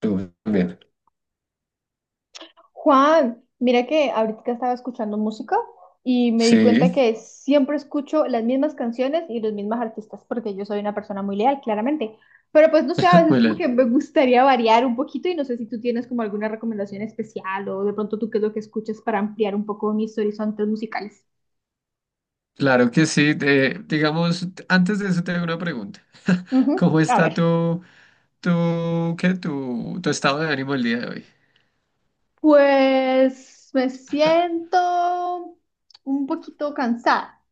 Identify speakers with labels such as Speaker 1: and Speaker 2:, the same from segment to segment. Speaker 1: Tú también.
Speaker 2: Juan, mira que ahorita estaba escuchando música y me di cuenta
Speaker 1: Sí,
Speaker 2: que siempre escucho las mismas canciones y los mismos artistas, porque yo soy una persona muy leal, claramente. Pero pues no sé, a veces
Speaker 1: muy
Speaker 2: como que
Speaker 1: bien.
Speaker 2: me gustaría variar un poquito y no sé si tú tienes como alguna recomendación especial o de pronto tú qué es lo que escuchas para ampliar un poco mis horizontes musicales.
Speaker 1: Claro que sí. Digamos, antes de eso te hago una pregunta.
Speaker 2: Ujú,
Speaker 1: ¿Cómo
Speaker 2: a
Speaker 1: está
Speaker 2: ver,
Speaker 1: tu estado de ánimo el día de hoy?
Speaker 2: pues me siento un poquito cansada.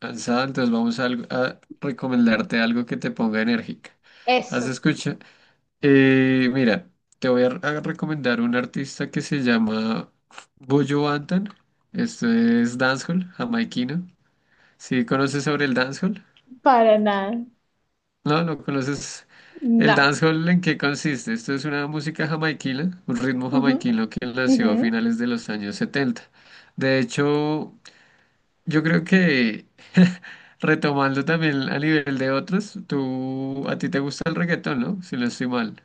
Speaker 1: Cansado, entonces vamos a, a recomendarte algo que te ponga enérgica. ¿Has
Speaker 2: Eso,
Speaker 1: escuchado? Mira, te voy a recomendar un artista que se llama Boyo Bantan. Esto es dancehall jamaiquino. ¿Sí conoces sobre el dancehall?
Speaker 2: para nada.
Speaker 1: No, no conoces el
Speaker 2: No.
Speaker 1: dancehall en qué consiste. Esto es una música jamaiquina, un ritmo
Speaker 2: Ujú,
Speaker 1: jamaiquino que nació a
Speaker 2: ujú.
Speaker 1: finales de los años 70. De hecho, yo creo que retomando también a nivel de otros, tú a ti te gusta el reggaetón, ¿no? Si no estoy mal.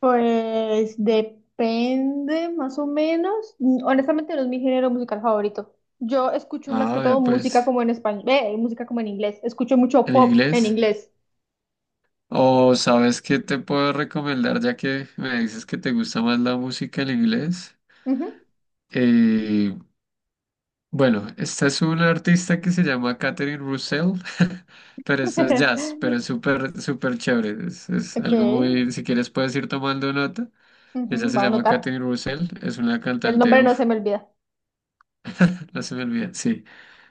Speaker 2: Pues depende, más o menos. Honestamente, no es mi género musical favorito. Yo escucho más que
Speaker 1: Ah, ya
Speaker 2: todo música
Speaker 1: pues,
Speaker 2: como en español, música como en inglés. Escucho mucho
Speaker 1: en
Speaker 2: pop en
Speaker 1: inglés.
Speaker 2: inglés.
Speaker 1: O sabes qué te puedo recomendar ya que me dices que te gusta más la música en inglés.
Speaker 2: Ujú.
Speaker 1: Eh, Bueno, esta es una artista que se llama Catherine Russell, pero esto es jazz, pero es súper, súper chévere. Es
Speaker 2: Ok,
Speaker 1: algo muy, si quieres puedes ir tomando nota. Ella
Speaker 2: ujú,
Speaker 1: se
Speaker 2: voy a
Speaker 1: llama
Speaker 2: anotar.
Speaker 1: Catherine Russell, es una
Speaker 2: El
Speaker 1: cantante,
Speaker 2: nombre no
Speaker 1: uff,
Speaker 2: se me olvida.
Speaker 1: no se me olvida, sí.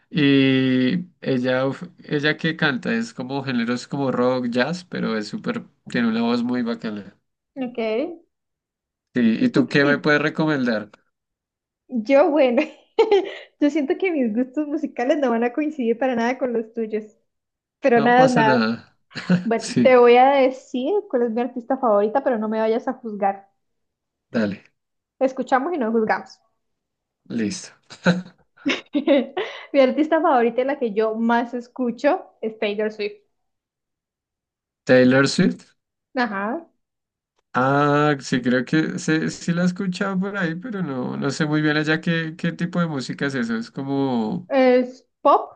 Speaker 1: Y ella, uf, ella que canta, es como géneros como rock, jazz, pero es súper, tiene una voz muy bacana.
Speaker 2: Ok.
Speaker 1: Sí, ¿y tú qué me
Speaker 2: Y
Speaker 1: puedes recomendar?
Speaker 2: yo, bueno, yo siento que mis gustos musicales no van a coincidir para nada con los tuyos. Pero
Speaker 1: No
Speaker 2: nada,
Speaker 1: pasa
Speaker 2: nada.
Speaker 1: nada.
Speaker 2: Bueno,
Speaker 1: Sí,
Speaker 2: te voy a decir cuál es mi artista favorita, pero no me vayas a juzgar.
Speaker 1: dale,
Speaker 2: Escuchamos y no juzgamos.
Speaker 1: listo.
Speaker 2: Mi artista favorita y la que yo más escucho es Taylor Swift.
Speaker 1: Taylor Swift.
Speaker 2: Ajá.
Speaker 1: Ah, sí, creo que sí, sí la he escuchado por ahí, pero no, no sé muy bien allá qué, qué tipo de música es eso. Es como,
Speaker 2: Es pop.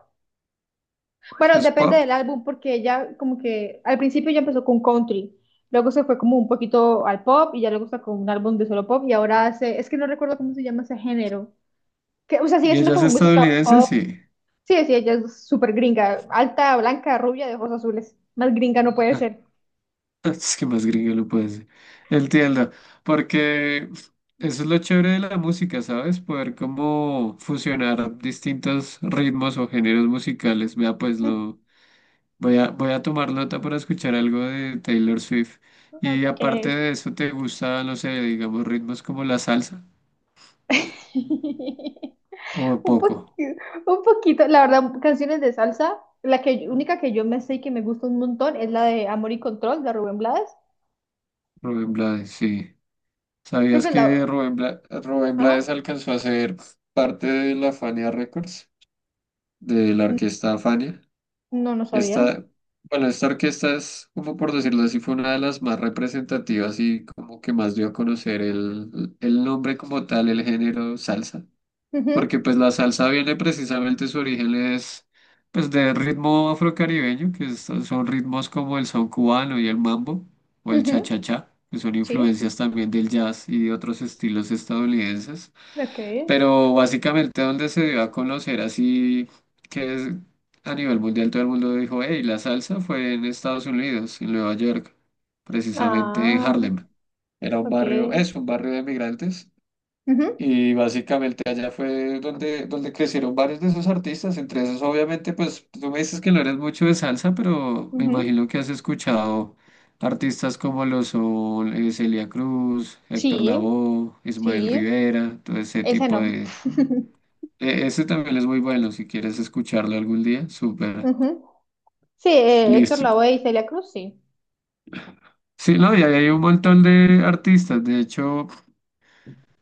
Speaker 2: Bueno,
Speaker 1: eso es
Speaker 2: depende
Speaker 1: pop.
Speaker 2: del álbum porque ella como que al principio ya empezó con country. Luego se fue como un poquito al pop y ya luego sacó un álbum de solo pop y ahora hace, es que no recuerdo cómo se llama ese género. Que, o sea, sigue
Speaker 1: ¿Y
Speaker 2: siendo
Speaker 1: ella es
Speaker 2: como música
Speaker 1: estadounidense?
Speaker 2: pop.
Speaker 1: Sí.
Speaker 2: Sí, sí, ella es súper gringa. Alta, blanca, rubia, de ojos azules. Más gringa no puede ser.
Speaker 1: Es que más gringo lo puede ser. Entiendo. Porque eso es lo chévere de la música, ¿sabes? Poder como fusionar distintos ritmos o géneros musicales. Vea, pues
Speaker 2: Mm,
Speaker 1: lo voy a tomar nota para escuchar algo de Taylor Swift. Y
Speaker 2: ok.
Speaker 1: aparte de eso, ¿te gusta, no sé, digamos, ritmos como la salsa? O
Speaker 2: Un
Speaker 1: poco,
Speaker 2: poquito, un poquito, la verdad, canciones de salsa. La que, única que yo me sé y que me gusta un montón es la de Amor y Control de Rubén Blades.
Speaker 1: Rubén Blades, sí.
Speaker 2: Creo
Speaker 1: ¿Sabías
Speaker 2: que es la.
Speaker 1: que Rubén Blades
Speaker 2: Ajá.
Speaker 1: alcanzó a ser parte de la Fania Records, de la
Speaker 2: N-
Speaker 1: orquesta Fania?
Speaker 2: No, no sabía.
Speaker 1: Esta, bueno, esta orquesta es, como por decirlo así, fue una de las más representativas y como que más dio a conocer el nombre como tal, el género salsa.
Speaker 2: Ujú,
Speaker 1: Porque pues la salsa viene precisamente, su origen es pues de ritmo afrocaribeño, son ritmos como el son cubano y el mambo, o el
Speaker 2: ujú,
Speaker 1: cha-cha-cha, que son
Speaker 2: sí,
Speaker 1: influencias también del jazz y de otros estilos estadounidenses,
Speaker 2: ok.
Speaker 1: pero básicamente donde se dio a conocer así que es- a nivel mundial todo el mundo dijo, hey, la salsa fue en Estados Unidos, en Nueva York, precisamente en
Speaker 2: Ah,
Speaker 1: Harlem. Era un
Speaker 2: ok.
Speaker 1: barrio, es un barrio de migrantes
Speaker 2: Ujú,
Speaker 1: y básicamente allá fue donde crecieron varios de esos artistas, entre esos obviamente, pues tú me dices que no eres mucho de salsa, pero me
Speaker 2: ujú.
Speaker 1: imagino que has escuchado artistas como lo son Celia Cruz, Héctor
Speaker 2: Sí,
Speaker 1: Lavoe, Ismael
Speaker 2: sí.
Speaker 1: Rivera, todo ese
Speaker 2: Ese
Speaker 1: tipo
Speaker 2: no.
Speaker 1: de... Ese también es muy bueno, si quieres escucharlo algún día, súper.
Speaker 2: Ujú. Sí, Héctor
Speaker 1: Listo.
Speaker 2: Lavoe y Celia Cruz, sí.
Speaker 1: Sí, no, y ahí hay un montón de artistas, de hecho,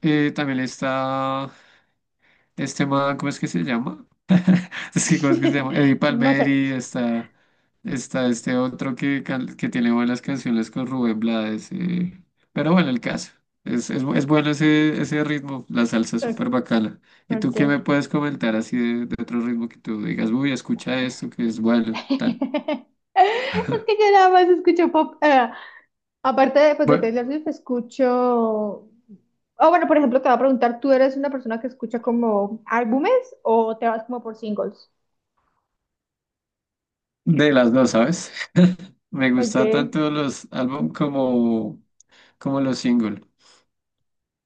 Speaker 1: también está... Este man, ¿cómo es que se llama? Es que, ¿cómo es que se llama? Eddie
Speaker 2: No sé.
Speaker 1: Palmieri, está, está este otro que, que tiene buenas canciones con Rubén Blades. Pero bueno, el caso. Es, es bueno ese ritmo, la salsa es súper bacana. ¿Y tú qué me
Speaker 2: Ok.
Speaker 1: puedes comentar así de otro ritmo que tú digas, uy, escucha esto que es bueno, tal?
Speaker 2: Es que yo nada más escucho pop. Aparte de, pues, de
Speaker 1: Bueno,
Speaker 2: Taylor Swift, escucho... Oh, bueno, por ejemplo, te voy a preguntar, ¿tú eres una persona que escucha como álbumes o te vas como por singles?
Speaker 1: de las dos, ¿sabes? Me gusta
Speaker 2: Okay.
Speaker 1: tanto los álbum como, como los singles.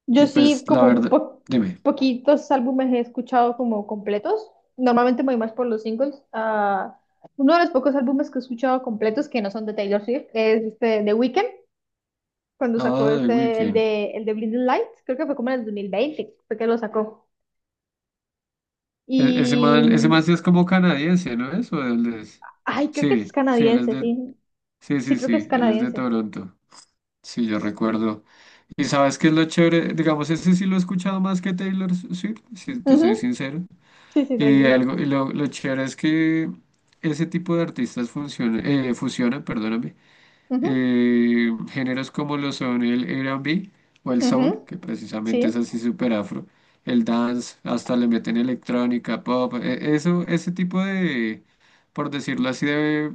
Speaker 2: Yo
Speaker 1: Y
Speaker 2: sí,
Speaker 1: pues la
Speaker 2: como
Speaker 1: verdad, dime.
Speaker 2: poquitos álbumes he escuchado como completos. Normalmente me voy más por los singles. Ah, uno de los pocos álbumes que he escuchado completos que no son de Taylor Swift es este The Weeknd, cuando sacó
Speaker 1: Ah, The
Speaker 2: este, el
Speaker 1: Weeknd.
Speaker 2: de, el de Blinding Lights. Creo que fue como en el 2020, fue que lo sacó. Y...
Speaker 1: Ese man sí es como canadiense, ¿no es? ¿O de dónde es?
Speaker 2: Ay, creo que sí es
Speaker 1: Sí, sí, él es
Speaker 2: canadiense,
Speaker 1: de,
Speaker 2: sí.
Speaker 1: sí,
Speaker 2: Sí,
Speaker 1: sí,
Speaker 2: creo que es
Speaker 1: sí, él es de
Speaker 2: canadiense.
Speaker 1: Toronto. Sí, yo recuerdo. ¿Y sabes qué es lo chévere? Digamos, ese sí lo he escuchado más que Taylor Swift, si te soy
Speaker 2: Ujú.
Speaker 1: sincero.
Speaker 2: Sí, sí,
Speaker 1: Y
Speaker 2: tranquilo.
Speaker 1: algo, y lo chévere es que ese tipo de artistas funciona, fusionan,
Speaker 2: Ujú,
Speaker 1: géneros como lo son el R&B o el soul,
Speaker 2: ujú,
Speaker 1: que precisamente es
Speaker 2: sí,
Speaker 1: así súper afro, el dance, hasta le meten electrónica, pop, eso, ese tipo de, por decirlo así, de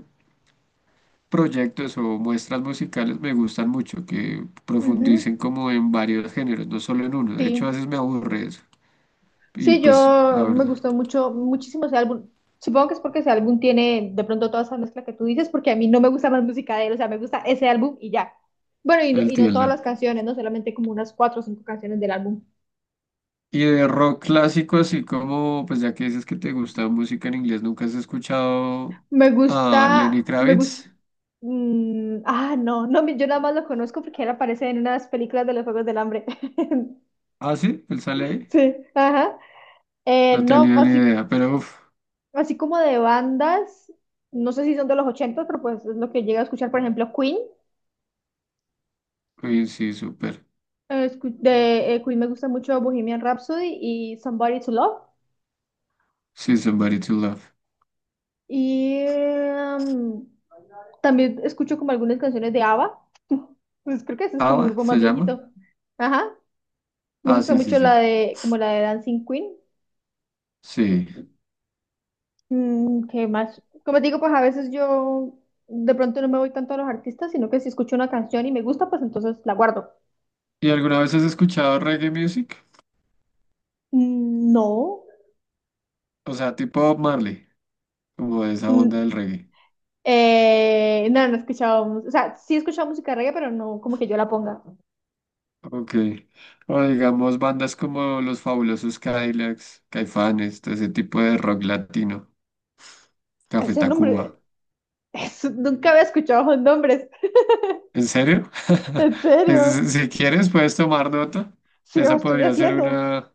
Speaker 1: proyectos o muestras musicales me gustan mucho, que
Speaker 2: ujú,
Speaker 1: profundicen como en varios géneros, no solo en uno. De hecho, a
Speaker 2: sí.
Speaker 1: veces me aburre eso. Y
Speaker 2: Sí,
Speaker 1: pues, la
Speaker 2: yo me
Speaker 1: verdad,
Speaker 2: gustó mucho, muchísimo ese álbum. Supongo que es porque ese álbum tiene de pronto toda esa mezcla que tú dices, porque a mí no me gusta más música de él, o sea, me gusta ese álbum y ya. Bueno, y no todas
Speaker 1: entiendo.
Speaker 2: las canciones, no solamente como unas cuatro o cinco canciones del álbum.
Speaker 1: Y de rock clásico, así como, pues ya que dices que te gusta música en inglés, ¿nunca has escuchado a Lenny
Speaker 2: Me gusta,
Speaker 1: Kravitz?
Speaker 2: no, no, yo nada más lo conozco porque él aparece en unas películas de los Juegos del Hambre.
Speaker 1: Ah, sí, él sale ahí.
Speaker 2: Sí, ajá.
Speaker 1: No
Speaker 2: No,
Speaker 1: tenía ni
Speaker 2: así
Speaker 1: idea, pero uff,
Speaker 2: Así como de bandas, no sé si son de los 80, pero pues es lo que llega a escuchar, por ejemplo, Queen.
Speaker 1: Queen sí, súper.
Speaker 2: De Queen me gusta mucho Bohemian Rhapsody y Somebody to Love.
Speaker 1: Sí, Somebody to Love.
Speaker 2: Y también escucho como algunas canciones de ABBA. Pues creo que ese es como un
Speaker 1: ¿Ava
Speaker 2: grupo
Speaker 1: se
Speaker 2: más
Speaker 1: llama?
Speaker 2: viejito. Ajá. Me
Speaker 1: Ah,
Speaker 2: gusta
Speaker 1: sí, sí,
Speaker 2: mucho la
Speaker 1: sí.
Speaker 2: de, como la de Dancing Queen.
Speaker 1: Sí.
Speaker 2: ¿Qué más? Como te digo, pues a veces yo de pronto no me voy tanto a los artistas, sino que si escucho una canción y me gusta, pues entonces la guardo.
Speaker 1: ¿Y alguna vez has escuchado reggae music?
Speaker 2: Mm. No.
Speaker 1: O sea, tipo Bob Marley, como de esa onda
Speaker 2: Mm,
Speaker 1: del reggae.
Speaker 2: no, no he escuchado, o sea, sí he escuchado música de reggae, pero no como que yo la ponga.
Speaker 1: Ok. O digamos bandas como Los Fabulosos Cadillacs, Caifanes, todo ese tipo de rock latino. Café
Speaker 2: Ese
Speaker 1: Tacuba.
Speaker 2: nombre, eso, nunca había escuchado esos nombres,
Speaker 1: ¿En serio?
Speaker 2: en serio,
Speaker 1: Si quieres, puedes tomar nota.
Speaker 2: sí lo
Speaker 1: Esa
Speaker 2: estoy
Speaker 1: podría ser
Speaker 2: haciendo.
Speaker 1: una,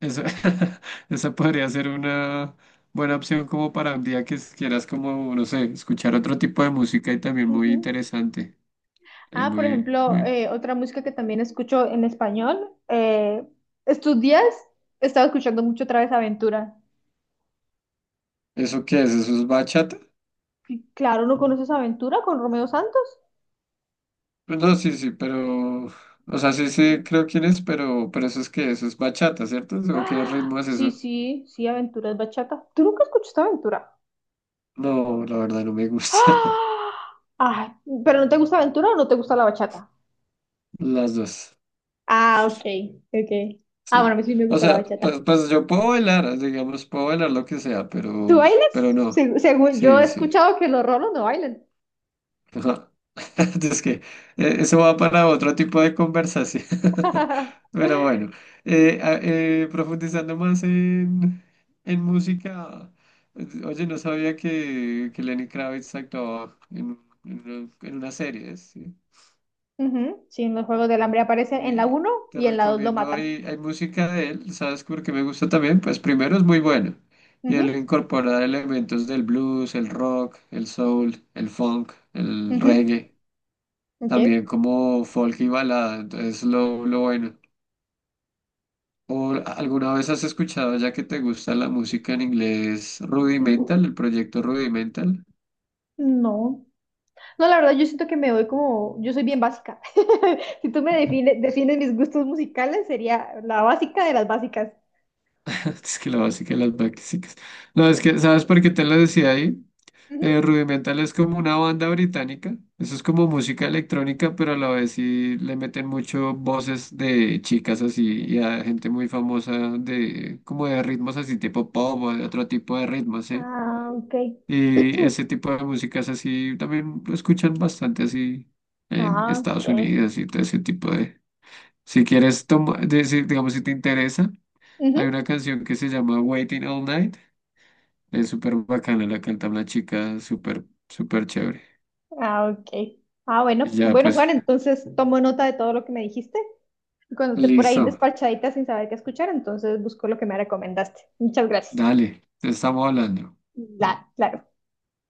Speaker 1: esa, esa podría ser una buena opción como para un día que quieras como, no sé, escuchar otro tipo de música y también muy
Speaker 2: Ujú.
Speaker 1: interesante. Es
Speaker 2: Ah, por
Speaker 1: muy,
Speaker 2: ejemplo,
Speaker 1: muy...
Speaker 2: otra música que también escucho en español, estos días he estado escuchando mucho otra vez Aventura.
Speaker 1: ¿Eso qué es? ¿Eso es bachata?
Speaker 2: Y claro, ¿no conoces Aventura con Romeo Santos?
Speaker 1: Pues no, sí, sí, pero... O sea, sí, sí, creo quién es, pero eso es que eso es bachata, ¿cierto? ¿O qué
Speaker 2: Ah,
Speaker 1: ritmo es
Speaker 2: sí,
Speaker 1: eso?
Speaker 2: sí, sí, Aventura es bachata. ¿Tú nunca escuchaste Aventura?
Speaker 1: No, la verdad no me gusta.
Speaker 2: ¡Ah! Ah, ¿pero no te gusta Aventura o no te gusta la bachata?
Speaker 1: Las dos.
Speaker 2: Ah, ok, ok. Ah, bueno, a
Speaker 1: Sí.
Speaker 2: mí sí me
Speaker 1: O
Speaker 2: gusta la
Speaker 1: sea,
Speaker 2: bachata.
Speaker 1: pues, pues yo puedo bailar, digamos, puedo bailar lo que sea,
Speaker 2: ¿Tú
Speaker 1: pero
Speaker 2: bailas?
Speaker 1: no.
Speaker 2: Según yo he
Speaker 1: Sí, sí.
Speaker 2: escuchado que los rolos no bailan.
Speaker 1: Ajá. Es que eso va para otro tipo de conversación. Pero bueno, profundizando más en música, oye, no sabía que Lenny Kravitz actuaba en una serie, ¿sí?
Speaker 2: Ujú, sí, en los Juegos del Hambre aparecen en la
Speaker 1: Y
Speaker 2: uno
Speaker 1: te
Speaker 2: y en la dos lo
Speaker 1: recomiendo,
Speaker 2: matan.
Speaker 1: hay música de él, ¿sabes por qué me gusta también? Pues primero es muy bueno. Y él
Speaker 2: Ujú,
Speaker 1: incorpora elementos del blues, el rock, el soul, el funk, el
Speaker 2: ujú,
Speaker 1: reggae,
Speaker 2: ok.
Speaker 1: también como folk y balada, entonces lo bueno. ¿O alguna vez has escuchado, ya que te gusta la música en inglés,
Speaker 2: Ujú.
Speaker 1: Rudimental, el proyecto Rudimental?
Speaker 2: No. No, la verdad, yo siento que me voy como. Yo soy bien básica. Si tú me defines mis gustos musicales, sería la básica de las básicas.
Speaker 1: Es que la básica de las básicas. No, es que, ¿sabes por qué te lo decía ahí?
Speaker 2: Ujú,
Speaker 1: Rudimental es como una banda británica, eso es como música electrónica, pero a la vez sí le meten mucho voces de chicas así y a gente muy famosa de como de ritmos así tipo pop o de otro tipo de ritmos, ¿sí?
Speaker 2: ah, ok.
Speaker 1: Y ese tipo de músicas así también lo escuchan bastante así en
Speaker 2: Ah,
Speaker 1: Estados
Speaker 2: ok.
Speaker 1: Unidos y todo ese tipo de... Si quieres, toma, digamos, si te interesa, hay
Speaker 2: Ujú.
Speaker 1: una canción que se llama Waiting All Night, es súper bacana, la canta una chica súper, súper chévere.
Speaker 2: Ah, ok. Ah, bueno.
Speaker 1: Ya,
Speaker 2: Bueno,
Speaker 1: pues,
Speaker 2: Juan, entonces tomo nota de todo lo que me dijiste. Y cuando esté por ahí
Speaker 1: listo.
Speaker 2: despachadita sin saber qué escuchar, entonces busco lo que me recomendaste. Muchas gracias.
Speaker 1: Dale, te estamos hablando.
Speaker 2: Claro.